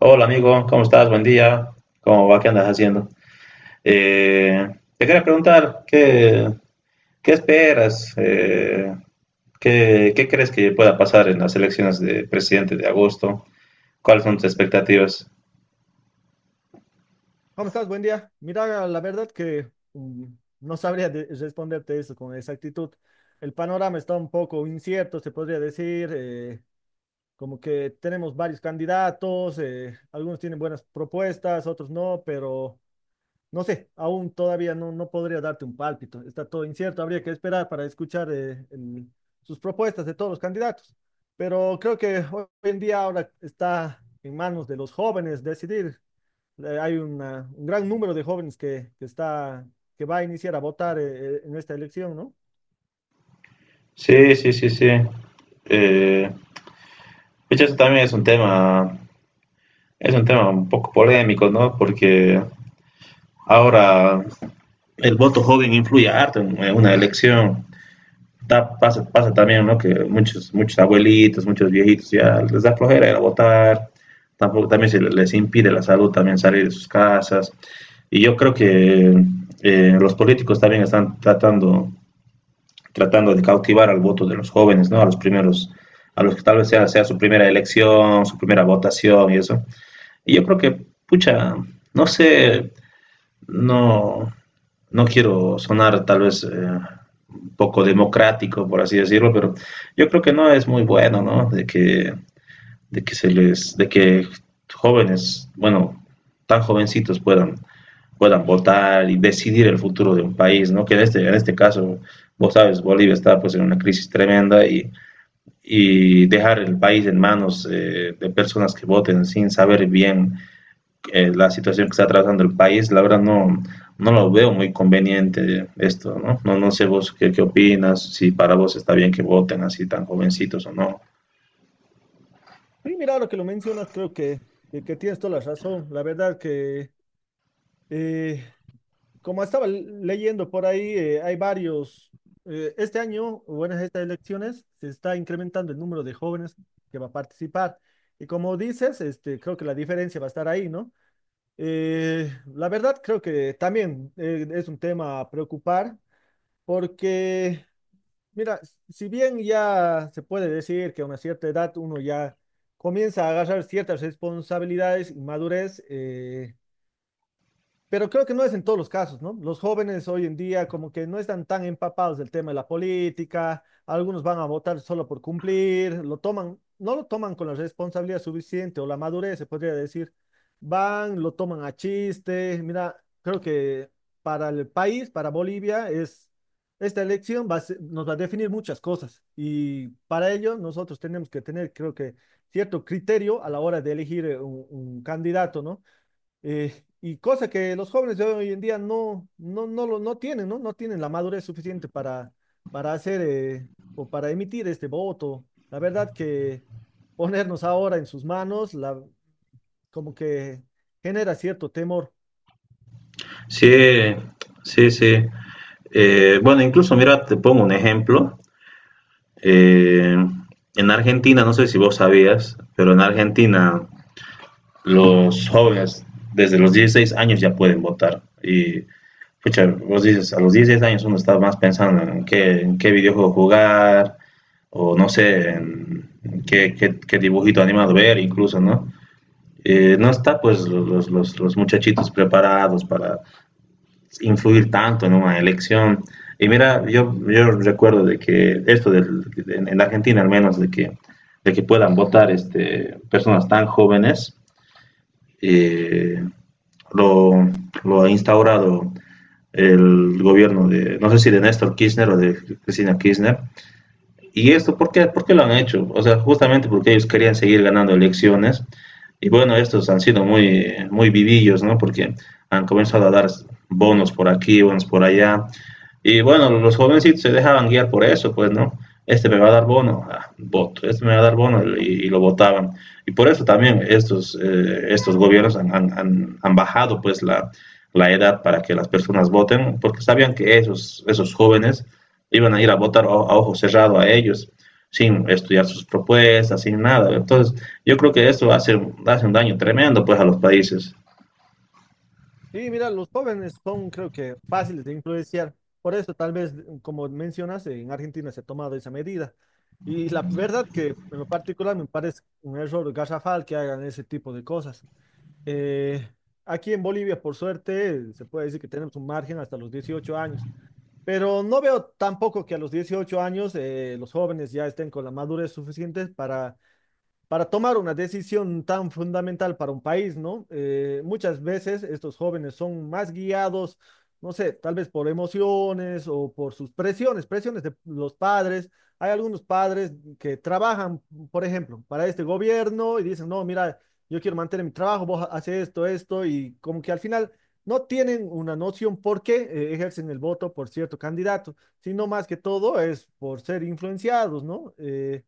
Hola amigo, ¿cómo estás? Buen día. ¿Cómo va? ¿Qué andas haciendo? Eh, te quería preguntar, ¿qué esperas? ¿Qué crees que pueda pasar en las elecciones de presidente de agosto? ¿Cuáles son tus expectativas? ¿Cómo estás? Buen día. Mira, la verdad que no sabría responderte eso con exactitud. El panorama está un poco incierto, se podría decir, como que tenemos varios candidatos, algunos tienen buenas propuestas, otros no, pero no sé, aún todavía no podría darte un pálpito. Está todo incierto, habría que esperar para escuchar sus propuestas de todos los candidatos. Pero creo que hoy en día ahora está en manos de los jóvenes decidir hay un gran número de jóvenes que está, que va a iniciar a votar en esta elección, ¿no? Sí, sí, sí, sí. Eh, pucha, eso también es un tema un poco polémico, ¿no? Porque ahora el voto joven influye harto en una elección. Pasa también, ¿no? Que muchos abuelitos, muchos viejitos ya les da flojera ir a votar, tampoco, también se les impide la salud también salir de sus casas. Y yo creo que los políticos también están tratando de cautivar al voto de los jóvenes, ¿no? A los primeros, a los que tal vez sea su primera elección, su primera votación y eso. Y yo creo que, pucha, no sé, no, no quiero sonar tal vez un poco democrático, por así decirlo, pero yo creo que no es muy bueno, ¿no? De que jóvenes, bueno, tan jovencitos puedan votar y decidir el futuro de un país, ¿no? En este caso, vos sabes, Bolivia está pues en una crisis tremenda y dejar el país en manos de personas que voten sin saber bien la situación que está atravesando el país, la verdad no lo veo muy conveniente esto, ¿no? No, no sé vos qué opinas, si para vos está bien que voten así tan jovencitos o no. Y mira, ahora que lo mencionas, que tienes toda la razón. La verdad que, eh, como estaba leyendo por ahí, este año, bueno, en estas elecciones, se está incrementando el número de jóvenes que va a participar. Y como dices, este, creo que la diferencia va a estar ahí, ¿no? Eh, la verdad, creo que también es un tema a preocupar porque mira, si bien ya se puede decir que a una cierta edad uno ya comienza a agarrar ciertas responsabilidades y madurez, pero creo que no es en todos los casos, ¿no? Los jóvenes hoy en día como que no están tan empapados del tema de la política, algunos van a votar solo por cumplir, no lo toman con la responsabilidad suficiente o la madurez, se podría decir. Van, lo toman a chiste. Mira, creo que para el país, para Bolivia, es, esta elección nos va a definir muchas cosas y para ello nosotros tenemos que tener, creo que, cierto criterio a la hora de elegir un candidato, ¿no? Y cosa que los jóvenes de hoy en día no tienen, ¿no? No tienen la madurez suficiente para hacer o para emitir este voto. La verdad que ponernos ahora en sus manos, la, como que genera cierto temor. Sí, sí, sí. Bueno, incluso mira, te pongo un ejemplo. Eh, en Argentina, no sé si vos sabías, pero en Argentina los jóvenes desde los 16 años ya pueden votar. Y pucha, vos dices, a los 16 años uno está más pensando en en qué videojuego jugar, o no sé, en qué dibujito animado ver incluso, ¿no? No está pues los muchachitos preparados para influir tanto en una elección. Y mira, yo recuerdo de que esto en Argentina al menos, de que puedan votar este, personas tan jóvenes, eh, lo, lo ha instaurado el gobierno de, no sé si de Néstor Kirchner o de Cristina Kirchner. ¿Y esto por qué lo han hecho? O sea, justamente porque ellos querían seguir ganando elecciones. Y bueno, estos han sido muy vivillos, ¿no? Porque han comenzado a dar bonos por aquí, bonos por allá. Y bueno, los jovencitos se dejaban guiar por eso, pues, ¿no? Este me va a dar bono, ah, voto, este me va a dar bono y lo votaban. Y por eso también estos, estos gobiernos han bajado, pues, la edad para que las personas voten, porque sabían que esos jóvenes iban a ir a votar a ojo cerrado a ellos, sin estudiar sus propuestas, sin nada. Entonces, yo creo que esto hace un daño tremendo pues a los países. Sí, mira, los jóvenes son, creo que, fáciles de influenciar. Por eso, tal vez, como mencionas, en Argentina se ha tomado esa medida. Y la verdad que, en lo particular, me parece un error garrafal que hagan ese tipo de cosas. Eh, aquí en Bolivia, por suerte, se puede decir que tenemos un margen hasta los 18 años, pero no veo tampoco que a los 18 años los jóvenes ya estén con la madurez suficiente para tomar una decisión tan fundamental para un país, ¿no? Muchas veces estos jóvenes son más guiados, no sé, tal vez por emociones o por sus presiones, presiones de los padres. Hay algunos padres que trabajan, por ejemplo, para este gobierno y dicen, no, mira, yo quiero mantener mi trabajo, vos haces esto, esto, y como que al final no tienen una noción por qué ejercen el voto por cierto candidato, sino más que todo es por ser influenciados, ¿no?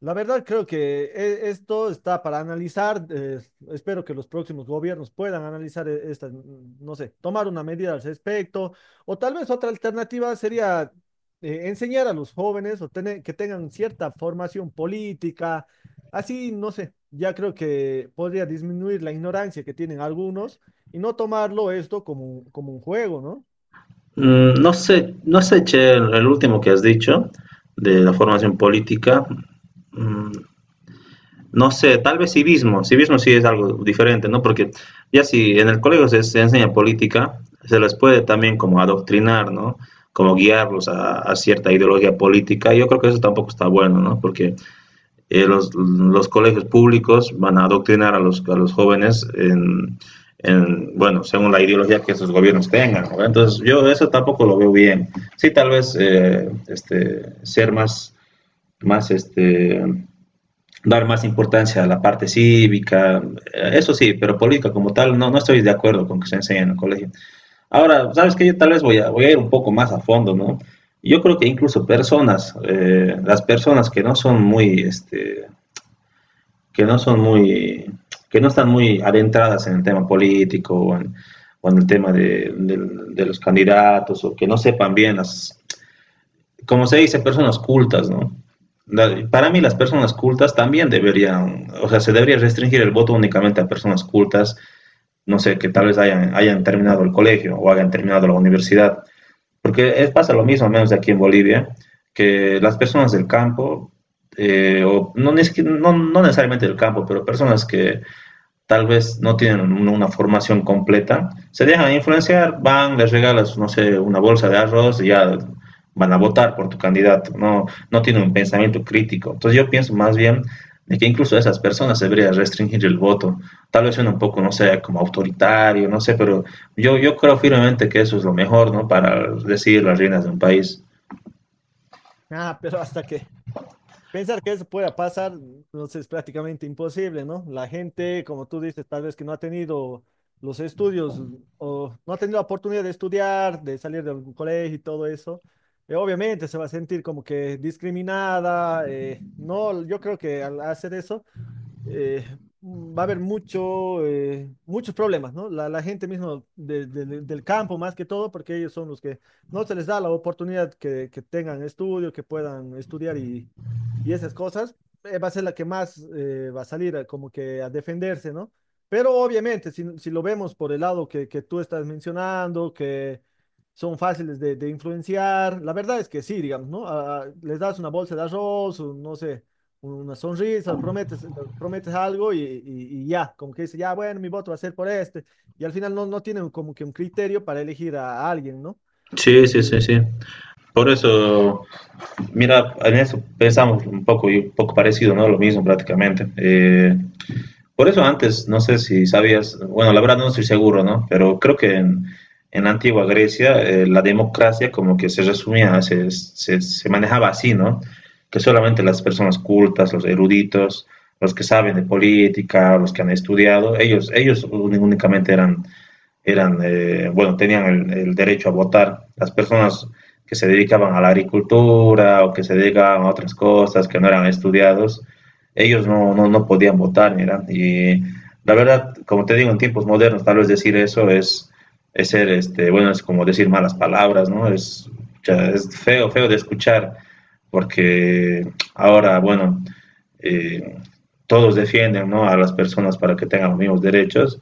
La verdad creo que esto está para analizar. Eh, espero que los próximos gobiernos puedan analizar esta, no sé, tomar una medida al respecto. O tal vez otra alternativa sería enseñar a los jóvenes o tener, que tengan cierta formación política. Así, no sé, ya creo que podría disminuir la ignorancia que tienen algunos y no tomarlo esto como, como un juego, ¿no? Mm, no sé, Che, el último que has dicho de la formación política, mm, no sé, tal vez civismo, civismo sí es algo diferente, ¿no? Porque ya si en el colegio se enseña política, se les puede también como adoctrinar, ¿no? Como guiarlos cierta ideología política. Yo creo que eso tampoco está bueno, ¿no? Porque los colegios públicos van a adoctrinar a a los jóvenes en, bueno, según la ideología que sus gobiernos tengan, ¿no? Entonces, yo eso tampoco lo veo bien. Sí, tal vez este, más este, dar más importancia a la parte cívica, eso sí, pero política como tal, no, no estoy de acuerdo con que se enseñe en el colegio. Ahora, ¿sabes que yo tal vez voy a ir un poco más a fondo, ¿no? Yo creo que incluso personas, las personas que no son muy, este, que no son muy, que no están muy adentradas en el tema político o en el tema los candidatos o que no sepan bien las, como se dice, personas cultas, ¿no? Para mí las personas cultas también deberían, o sea, se debería restringir el voto únicamente a personas cultas, no sé, que tal vez hayan terminado el colegio o hayan terminado la universidad, porque pasa lo mismo, al menos aquí en Bolivia, que las personas del campo, o no, no necesariamente del campo, pero personas que, tal vez no tienen una formación completa, se dejan influenciar, van, les regalas, no sé, una bolsa de arroz y ya van a votar por tu candidato, no, no tienen un pensamiento crítico. Entonces yo pienso más bien de que incluso esas personas se debería restringir el voto. Tal vez suena un poco, no sé, como autoritario, no sé, pero yo creo firmemente que eso es lo mejor, ¿no? Para decidir las reinas de un país. Ah, pero hasta que pensar que eso pueda pasar, pues, es prácticamente imposible, ¿no? La gente, como tú dices, tal vez que no ha tenido los estudios o no ha tenido la oportunidad de estudiar, de salir de algún colegio y todo eso, obviamente se va a sentir como que discriminada. No, yo creo que al hacer eso eh, va a haber mucho, muchos problemas, ¿no? La gente mismo del campo más que todo, porque ellos son los que no se les da la oportunidad que tengan estudio, que puedan estudiar y esas cosas, va a ser la que más va a como que a defenderse, ¿no? Pero obviamente, si lo vemos por el lado que tú estás mencionando, que son fáciles de influenciar, la verdad es que sí, digamos, ¿no? Ah, les das una bolsa de arroz, o no sé, una sonrisa, prometes, prometes algo y ya, como que dice, ya, bueno, mi voto va a ser por este, y al final no tienen como que un criterio para elegir a alguien, ¿no? Sí, sí, L- sí, sí. Por eso, mira, en eso pensamos un poco parecido, ¿no? Lo mismo prácticamente. Por eso antes, no sé si sabías, bueno, la verdad no estoy seguro, ¿no? Pero creo que en la antigua Grecia la democracia como que se manejaba así, ¿no? Que solamente las personas cultas, los eruditos, los que saben de política, los que han estudiado, ellos únicamente eran, bueno, tenían el derecho a votar. Las personas que se dedicaban a la agricultura o que se dedicaban a otras cosas, que no eran estudiados, ellos no podían votar, mira. Y la verdad, como te digo, en tiempos modernos, tal vez decir eso es ser, este, bueno, es como decir malas palabras, ¿no? Es feo de escuchar, porque ahora, bueno, eh, todos defienden, ¿no? A las personas para que tengan los mismos derechos,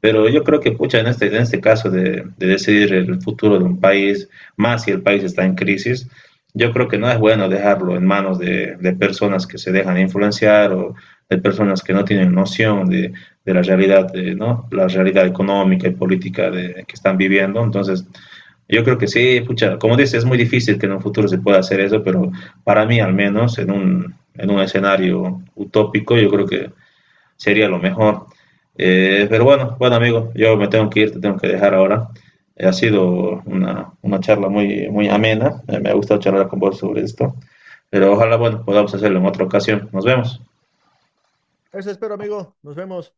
pero yo creo que, pucha, en este caso de decidir el futuro de un país, más si el país está en crisis, yo creo que no es bueno dejarlo en manos de personas que se dejan influenciar o de personas que no tienen noción de la realidad, de, ¿no? La realidad económica y política de, que están viviendo. Entonces, yo creo que sí, pucha, como dices, es muy difícil que en un futuro se pueda hacer eso, pero para mí al menos, en un escenario utópico, yo creo que sería lo mejor. Pero bueno, bueno amigo, yo me tengo que ir, te tengo que dejar ahora. Ha sido una charla muy amena, me ha gustado charlar con vos sobre esto, pero ojalá, bueno, podamos hacerlo en otra ocasión. Nos vemos. eso espero, amigo, nos vemos.